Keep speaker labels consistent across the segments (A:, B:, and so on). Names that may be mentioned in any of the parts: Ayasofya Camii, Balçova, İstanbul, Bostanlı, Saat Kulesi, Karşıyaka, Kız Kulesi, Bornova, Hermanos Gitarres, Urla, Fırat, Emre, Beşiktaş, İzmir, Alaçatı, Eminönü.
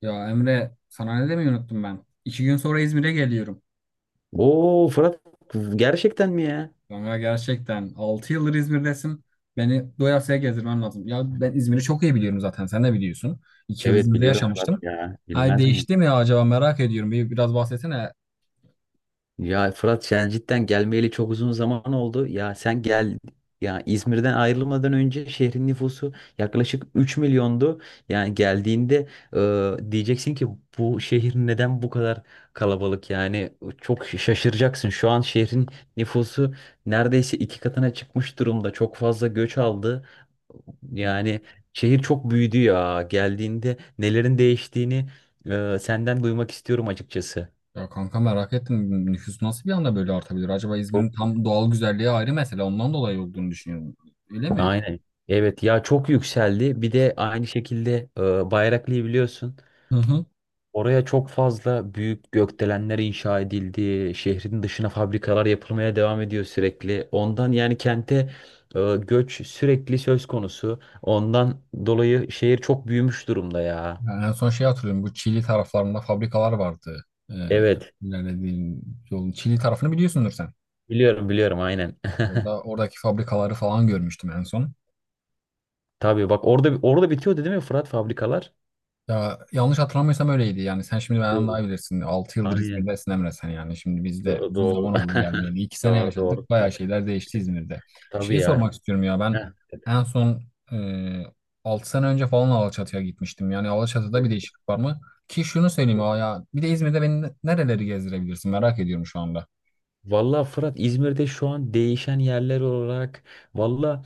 A: Ya Emre sana ne demeyi unuttum ben. 2 gün sonra İzmir'e geliyorum.
B: Oo Fırat gerçekten mi ya?
A: Kanka gerçekten 6 yıldır İzmir'desin. Beni doyasıya gezdirmen lazım. Ya ben İzmir'i çok iyi biliyorum zaten. Sen de biliyorsun. 2 yıl
B: Evet
A: İzmir'de
B: biliyorum
A: yaşamıştım.
B: Fırat ya.
A: Ay
B: Bilmez miyim?
A: değişti mi ya acaba merak ediyorum. Biraz bahsetsene.
B: Ya Fırat sen cidden gelmeyeli çok uzun zaman oldu. Ya sen gel ya İzmir'den ayrılmadan önce şehrin nüfusu yaklaşık 3 milyondu. Yani geldiğinde diyeceksin ki bu şehir neden bu kadar kalabalık? Yani çok şaşıracaksın. Şu an şehrin nüfusu neredeyse 2 katına çıkmış durumda. Çok fazla göç aldı.
A: Hı.
B: Yani şehir çok büyüdü ya. Geldiğinde nelerin değiştiğini senden duymak istiyorum açıkçası.
A: Ya kanka merak ettim. Nüfus nasıl bir anda böyle artabilir? Acaba İzmir'in tam doğal güzelliği ayrı mesele. Ondan dolayı olduğunu düşünüyorum. Öyle mi?
B: Aynen. Evet ya çok yükseldi. Bir de aynı şekilde Bayraklı'yı biliyorsun.
A: Hı hı.
B: Oraya çok fazla büyük gökdelenler inşa edildi. Şehrin dışına fabrikalar yapılmaya devam ediyor sürekli. Ondan yani kente göç sürekli söz konusu. Ondan dolayı şehir çok büyümüş durumda ya.
A: Yani en son şey hatırlıyorum. Bu Çili taraflarında fabrikalar vardı. Ee,
B: Evet.
A: ilerlediğin yolun Çili tarafını biliyorsundur sen.
B: Biliyorum biliyorum aynen.
A: Oradaki fabrikaları falan görmüştüm en son.
B: Tabii bak orada orada bitiyordu değil mi Fırat fabrikalar?
A: Ya yanlış hatırlamıyorsam öyleydi. Yani sen şimdi benden daha
B: Bitiyordu.
A: iyi bilirsin. 6 yıldır
B: Aynen.
A: İzmir'desin Emre sen yani. Şimdi biz de uzun zaman
B: Doğru.
A: oldu gelmeyeli. 2 sene
B: Doğru doğru.
A: yaşadık. Bayağı şeyler değişti İzmir'de.
B: Tabii
A: Şeyi
B: ya.
A: sormak istiyorum ya ben
B: Heh.
A: en son e, 6 sene önce falan Alaçatı'ya gitmiştim. Yani Alaçatı'da bir değişiklik var mı? Ki şunu söyleyeyim ya bir de İzmir'de beni nereleri gezdirebilirsin merak ediyorum şu anda.
B: Valla Fırat İzmir'de şu an değişen yerler olarak valla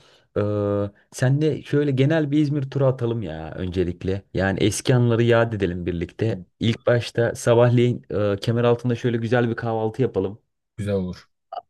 B: sen de şöyle genel bir İzmir turu atalım ya öncelikle. Yani eski anıları yad edelim birlikte.
A: Olur.
B: İlk başta sabahleyin Kemeraltı'nda şöyle güzel bir kahvaltı yapalım.
A: Güzel olur.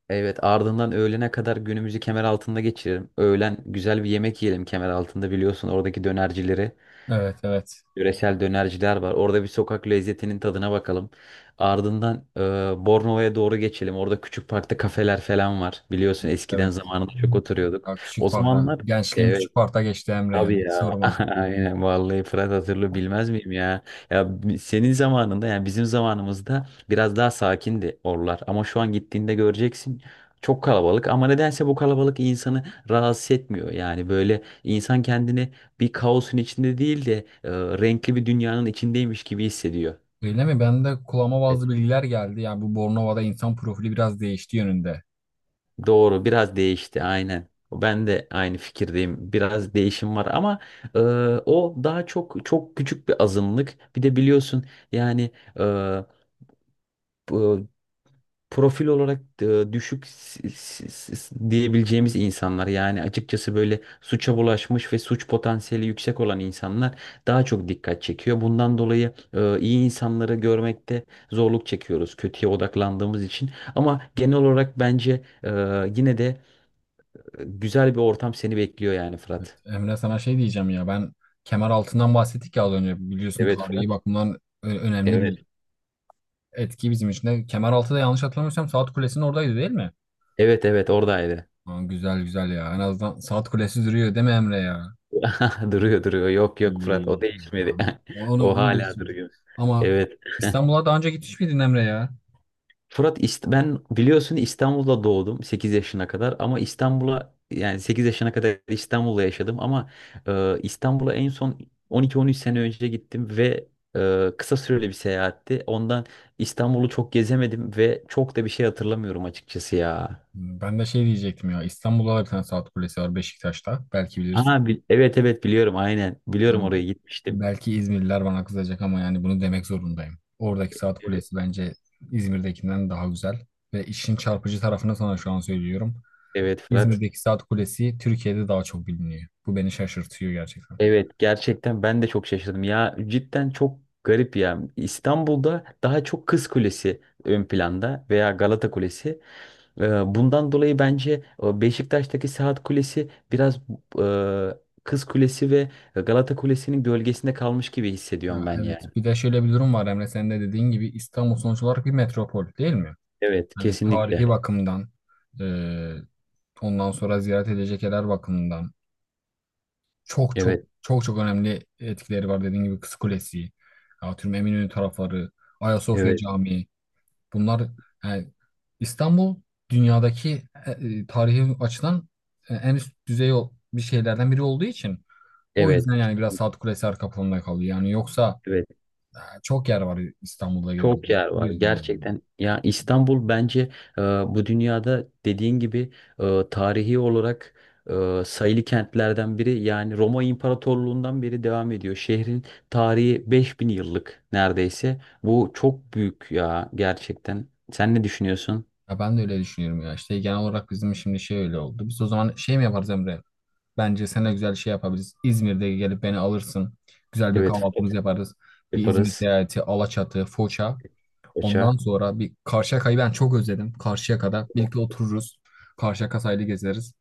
B: Evet, ardından öğlene kadar günümüzü Kemeraltı'nda geçirelim. Öğlen güzel bir yemek yiyelim Kemeraltı'nda, biliyorsun oradaki dönercileri.
A: Evet, evet.
B: Yöresel dönerciler var. Orada bir sokak lezzetinin tadına bakalım. Ardından Bornova'ya doğru geçelim. Orada küçük parkta kafeler falan var. Biliyorsun
A: Evet,
B: eskiden
A: evet.
B: zamanında çok oturuyorduk.
A: Ya
B: O
A: küçük parkta.
B: zamanlar
A: Gençliğim
B: evet.
A: küçük parkta geçti Emre ya.
B: Tabii
A: Hiç
B: ya.
A: sorma.
B: Aynen vallahi Fırat hatırlı bilmez miyim ya? Ya senin zamanında yani bizim zamanımızda biraz daha sakindi oralar. Ama şu an gittiğinde göreceksin çok kalabalık ama nedense bu kalabalık insanı rahatsız etmiyor. Yani böyle insan kendini bir kaosun içinde değil de renkli bir dünyanın içindeymiş gibi hissediyor.
A: Öyle mi? Ben de kulağıma bazı bilgiler geldi. Yani bu Bornova'da insan profili biraz değişti yönünde.
B: Doğru, biraz değişti aynen. Ben de aynı fikirdeyim. Biraz değişim var ama e, o daha çok çok küçük bir azınlık. Bir de biliyorsun yani e, bu- profil olarak düşük diyebileceğimiz insanlar yani, açıkçası böyle suça bulaşmış ve suç potansiyeli yüksek olan insanlar daha çok dikkat çekiyor. Bundan dolayı iyi insanları görmekte zorluk çekiyoruz, kötüye odaklandığımız için. Ama genel olarak bence e, yine de güzel bir ortam seni bekliyor yani
A: Evet.
B: Fırat.
A: Emre sana şey diyeceğim ya. Ben kemer altından bahsettik ya az önce. Biliyorsun
B: Evet
A: tarihi
B: Fırat.
A: bakımdan önemli
B: Evet.
A: bir etki bizim için de. Kemer altı da yanlış hatırlamıyorsam Saat Kulesi'nin oradaydı değil mi?
B: Evet evet oradaydı.
A: Aa, güzel güzel ya. En azından Saat Kulesi duruyor değil mi Emre ya?
B: Duruyor duruyor. Yok
A: İyi,
B: yok Fırat, o
A: iyi, iyi ya.
B: değişmedi.
A: Onu,
B: O
A: onu da
B: hala
A: istiyorum.
B: duruyor.
A: Ama
B: Evet.
A: İstanbul'a daha önce gitmiş miydin Emre ya?
B: Fırat, ben biliyorsun İstanbul'da doğdum, 8 yaşına kadar, ama İstanbul'a yani 8 yaşına kadar İstanbul'da yaşadım, ama İstanbul'a en son 12-13 sene önce gittim ve kısa süreli bir seyahatti. Ondan İstanbul'u çok gezemedim ve çok da bir şey hatırlamıyorum açıkçası ya.
A: Ben de şey diyecektim ya. İstanbul'da da bir tane saat kulesi var Beşiktaş'ta. Belki bilirsin.
B: Aa, evet evet biliyorum aynen. Biliyorum,
A: Yani
B: oraya gitmiştim.
A: belki İzmirliler bana kızacak ama yani bunu demek zorundayım. Oradaki saat
B: Evet,
A: kulesi bence İzmir'dekinden daha güzel. Ve işin çarpıcı tarafını sana şu an söylüyorum.
B: evet Fırat.
A: İzmir'deki saat kulesi Türkiye'de daha çok biliniyor. Bu beni şaşırtıyor gerçekten.
B: Evet gerçekten ben de çok şaşırdım. Ya cidden çok garip ya. İstanbul'da daha çok Kız Kulesi ön planda veya Galata Kulesi. Bundan dolayı bence Beşiktaş'taki Saat Kulesi biraz e, Kız Kulesi ve Galata Kulesi'nin gölgesinde kalmış gibi hissediyorum
A: Ya
B: ben
A: evet.
B: yani.
A: Bir de şöyle bir durum var Emre. Sen de dediğin gibi İstanbul sonuç olarak bir metropol değil mi?
B: Evet
A: Hani
B: kesinlikle.
A: tarihi bakımdan, e, ondan sonra ziyaret edilecek yerler bakımından çok çok
B: Evet
A: çok çok önemli etkileri var. Dediğim gibi Kız Kulesi, atıyorum Eminönü tarafları, Ayasofya
B: evet
A: Camii. Bunlar yani İstanbul dünyadaki tarihi açıdan en üst düzey bir şeylerden biri olduğu için o
B: evet.
A: yüzden yani biraz Saat Kulesi arka planda kalıyor. Yani yoksa
B: Evet.
A: çok yer var İstanbul'da
B: Çok
A: gezilecek.
B: yer
A: Bu
B: var
A: yüzden yani.
B: gerçekten. Ya İstanbul bence bu dünyada dediğin gibi tarihi olarak sayılı kentlerden biri. Yani Roma İmparatorluğundan beri devam ediyor. Şehrin tarihi 5000 yıllık neredeyse. Bu çok büyük ya gerçekten. Sen ne düşünüyorsun?
A: Ya ben de öyle düşünüyorum ya. İşte genel olarak bizim şimdi şey öyle oldu. Biz o zaman şey mi yaparız Emre? Bence seninle güzel şey yapabiliriz. İzmir'de gelip beni alırsın. Güzel bir
B: Evet Fırat,
A: kahvaltımız yaparız. Bir İzmir
B: yaparız.
A: seyahati, Alaçatı, Foça.
B: Koça
A: Ondan sonra bir Karşıyaka'yı ben çok özledim. Karşıyaka'da birlikte otururuz. Karşıyaka sahili gezeriz.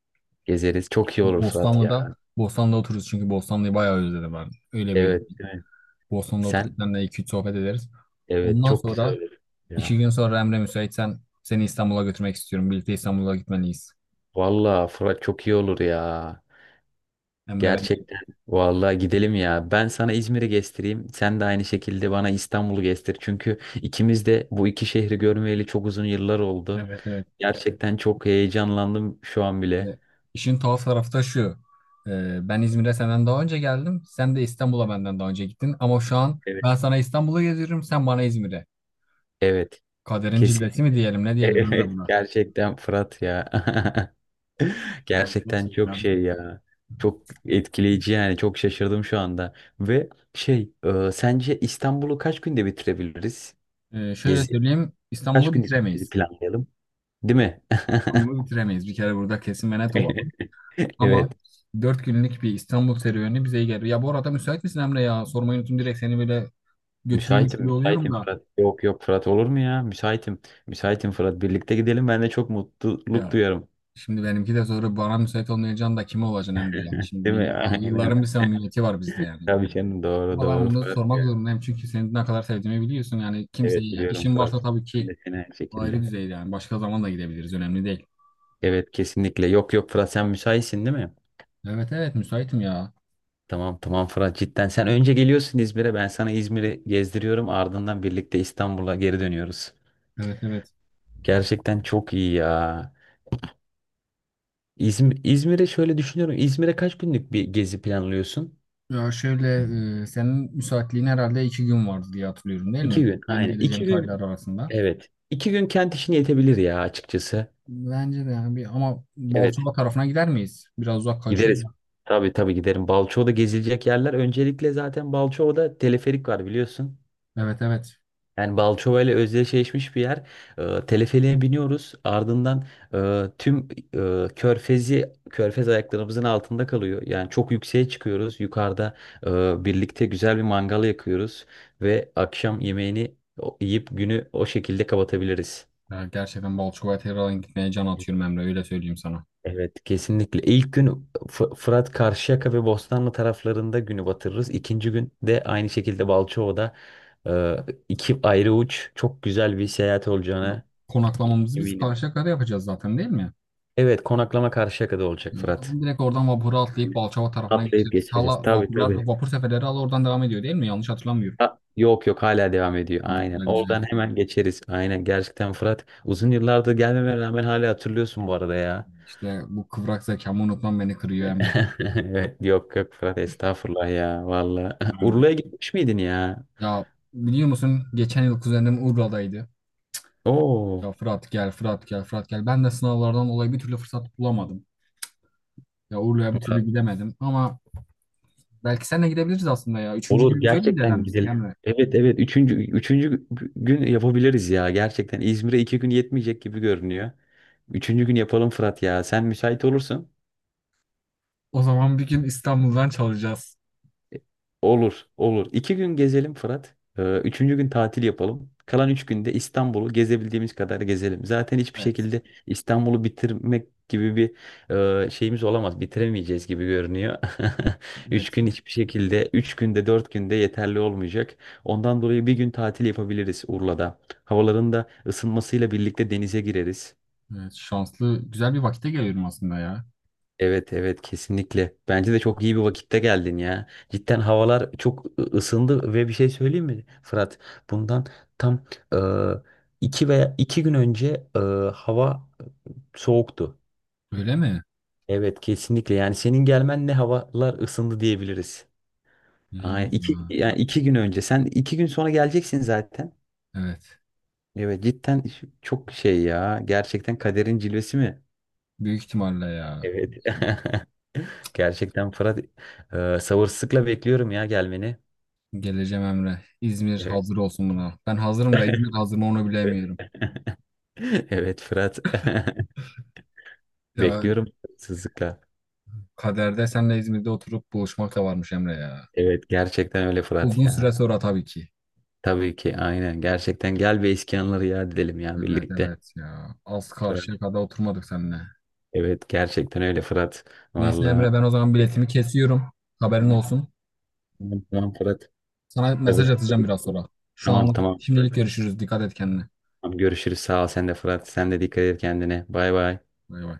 B: gezeriz. Çok iyi olur Fırat ya.
A: Bostanlı'da otururuz çünkü Bostanlı'yı bayağı özledim ben. Öyle böyle.
B: Evet, evet.
A: Bostanlı'da oturup
B: Sen
A: seninle iki üç sohbet ederiz.
B: evet,
A: Ondan
B: çok güzel
A: sonra
B: olur ya.
A: 2 gün sonra Emre müsaitsen seni İstanbul'a götürmek istiyorum. Birlikte İstanbul'a gitmeliyiz.
B: Vallahi Fırat çok iyi olur ya.
A: Emre ben.
B: Gerçekten. Vallahi gidelim ya. Ben sana İzmir'i gezdireyim. Sen de aynı şekilde bana İstanbul'u gezdir. Çünkü ikimiz de bu iki şehri görmeyeli çok uzun yıllar oldu.
A: Evet evet.
B: Gerçekten çok heyecanlandım şu an bile.
A: Ve İşin tuhaf tarafı da şu. Ben İzmir'e senden daha önce geldim. Sen de İstanbul'a benden daha önce gittin. Ama şu an
B: Evet.
A: ben sana İstanbul'u geziyorum. Sen bana İzmir'e.
B: Evet.
A: Kaderin
B: Kesin.
A: cilvesi mi diyelim ne diyelim Emre
B: Evet.
A: buna.
B: Gerçekten Fırat ya.
A: Ben
B: Gerçekten çok
A: gerçekten
B: şey ya. Çok etkileyici yani. Çok şaşırdım şu anda. Ve sence İstanbul'u kaç günde bitirebiliriz?
A: Şöyle
B: Gezi.
A: söyleyeyim.
B: Kaç
A: İstanbul'u
B: günlük gezi
A: bitiremeyiz.
B: planlayalım? Değil mi?
A: İstanbul'u bitiremeyiz. Bir kere burada kesin ve net olalım.
B: Evet.
A: Ama 4 günlük bir İstanbul serüveni bize iyi gelir. Ya bu arada müsait misin Emre ya? Sormayı unuttum direkt seni böyle götürüyormuş
B: Müsaitim,
A: gibi oluyorum
B: müsaitim
A: da.
B: Fırat. Yok yok Fırat, olur mu ya? Müsaitim. Müsaitim Fırat. Birlikte gidelim. Ben de çok mutluluk
A: Ya
B: duyarım.
A: şimdi benimki de soru bana müsait olmayacağım da kime olacaksın Emre yani. Şimdi
B: Değil mi?
A: yıll-
B: Aynen.
A: yılların bir samimiyeti var bizde yani.
B: Tabii canım, doğru
A: Ama ben
B: doğru
A: bunu
B: Fırat
A: sormak
B: ya.
A: zorundayım çünkü senin ne kadar sevdiğimi biliyorsun. Yani
B: Evet
A: kimseyi yani
B: biliyorum
A: işin
B: Fırat.
A: varsa tabii
B: Ben
A: ki
B: de seni aynı
A: ayrı
B: şekilde.
A: düzeyde yani. Başka zaman da gidebiliriz. Önemli değil.
B: Evet kesinlikle. Yok yok Fırat, sen müsaitsin değil mi?
A: Evet evet müsaitim ya.
B: Tamam tamam Fırat, cidden. Sen önce geliyorsun İzmir'e. Ben sana İzmir'i gezdiriyorum. Ardından birlikte İstanbul'a geri dönüyoruz.
A: Evet evet.
B: Gerçekten çok iyi ya. İzmir'e şöyle düşünüyorum. İzmir'e kaç günlük bir gezi planlıyorsun?
A: Ya şöyle senin müsaitliğin herhalde 2 gün vardı diye hatırlıyorum değil mi?
B: 2 gün
A: Ben
B: aynen.
A: geleceğim
B: İki
A: tarihler
B: gün
A: arasında.
B: evet. 2 gün kent işine yetebilir ya açıkçası.
A: Bence de yani bir ama
B: Evet
A: Balçova tarafına gider miyiz? Biraz uzak kaçıyor.
B: gideriz. Tabii tabii giderim. Balçova'da gezilecek yerler. Öncelikle zaten Balçova'da teleferik var biliyorsun.
A: Evet evet.
B: Yani Balçova ile özdeşleşmiş bir yer. Teleferiğe biniyoruz. Ardından tüm körfez ayaklarımızın altında kalıyor. Yani çok yükseğe çıkıyoruz. Yukarıda birlikte güzel bir mangal yakıyoruz. Ve akşam yemeğini yiyip günü o şekilde kapatabiliriz.
A: Ya gerçekten Balçova'ya gitmeye can atıyorum Emre öyle söyleyeyim sana.
B: Evet kesinlikle. İlk gün Fırat Karşıyaka ve Bostanlı taraflarında günü batırırız. İkinci gün de aynı şekilde Balçova'da e, iki ayrı uç, çok güzel bir seyahat
A: Ya,
B: olacağına
A: konaklamamızı biz
B: eminim.
A: Karşıyaka'da yapacağız zaten değil mi?
B: Evet, konaklama Karşıyaka'da olacak
A: Tamam,
B: Fırat.
A: direkt oradan vapura atlayıp
B: Aynen.
A: Balçova tarafına
B: Atlayıp
A: geçeriz.
B: geçeriz.
A: Hala
B: Tabii
A: vapurlar,
B: tabii.
A: vapur seferleri hala oradan devam ediyor değil mi? Yanlış hatırlamıyorum.
B: Ha, yok yok hala devam ediyor.
A: Ha,
B: Aynen.
A: güzel güzel.
B: Oradan hemen geçeriz. Aynen. Gerçekten Fırat, uzun yıllardır gelmeme rağmen hala hatırlıyorsun bu arada ya.
A: İşte bu kıvrak zekamı unutmam beni kırıyor Emre.
B: Evet, yok yok Fırat, estağfurullah ya valla.
A: Yani,
B: Urla'ya gitmiş miydin ya?
A: ya biliyor musun geçen yıl kuzenim Urla'daydı.
B: Oo.
A: Ya Fırat gel, Fırat gel, Fırat gel. Ben de sınavlardan dolayı bir türlü fırsat bulamadım. Ya Urla'ya bir türlü gidemedim ama belki seninle gidebiliriz aslında ya. Üçüncü
B: Olur,
A: günümüzü öyle mi
B: gerçekten
A: değerlendirsek
B: gidelim.
A: Emre?
B: Evet evet üçüncü gün yapabiliriz ya, gerçekten İzmir'e 2 gün yetmeyecek gibi görünüyor. Üçüncü gün yapalım Fırat ya, sen müsait olursun.
A: O zaman bir gün İstanbul'dan çalacağız.
B: Olur, olur. 2 gün gezelim Fırat. Üçüncü gün tatil yapalım. Kalan 3 günde İstanbul'u gezebildiğimiz kadar gezelim. Zaten hiçbir
A: Evet.
B: şekilde İstanbul'u bitirmek gibi bir şeyimiz olamaz. Bitiremeyeceğiz gibi görünüyor. Üç
A: Evet.
B: gün hiçbir şekilde, 3 günde, 4 günde yeterli olmayacak. Ondan dolayı bir gün tatil yapabiliriz Urla'da. Havaların da ısınmasıyla birlikte denize gireriz.
A: Evet, şanslı, güzel bir vakite geliyorum aslında ya.
B: Evet evet kesinlikle. Bence de çok iyi bir vakitte geldin ya. Cidden havalar çok ısındı ve bir şey söyleyeyim mi Fırat? Bundan tam e, iki veya 2 gün önce hava soğuktu.
A: Öyle mi?
B: Evet kesinlikle. Yani senin gelmenle havalar ısındı diyebiliriz. Aynen. İki,
A: Hmm,
B: yani 2 gün önce. Sen 2 gün sonra geleceksin zaten.
A: evet.
B: Evet cidden çok şey ya. Gerçekten kaderin cilvesi mi?
A: Büyük ihtimalle ya.
B: Evet. Gerçekten Fırat sabırsızlıkla bekliyorum ya gelmeni.
A: Geleceğim Emre. İzmir
B: Evet.
A: hazır olsun buna. Ben hazırım da İzmir hazır mı onu
B: Evet.
A: bilemiyorum.
B: Evet Fırat.
A: Ya
B: Bekliyorum sabırsızlıkla.
A: kaderde senle İzmir'de oturup buluşmak da varmış Emre ya.
B: Evet gerçekten öyle Fırat
A: Uzun süre
B: ya.
A: sonra tabii ki.
B: Tabii ki aynen. Gerçekten gel ve eski anıları yad edelim ya
A: Evet
B: birlikte.
A: evet ya. Az
B: Fırat.
A: karşıya kadar oturmadık seninle.
B: Evet gerçekten öyle Fırat.
A: Neyse
B: Vallahi.
A: Emre ben o zaman biletimi kesiyorum. Haberin
B: Tamam,
A: olsun.
B: tamam tamam Fırat.
A: Sana mesaj
B: Sabırsızlıkla
A: atacağım biraz
B: bekliyorum.
A: sonra. Şu
B: Tamam
A: anlık
B: tamam Fırat.
A: şimdilik görüşürüz. Dikkat et kendine.
B: Tamam, görüşürüz. Sağ ol sen de Fırat. Sen de dikkat et kendine. Bay bay.
A: Bay bay.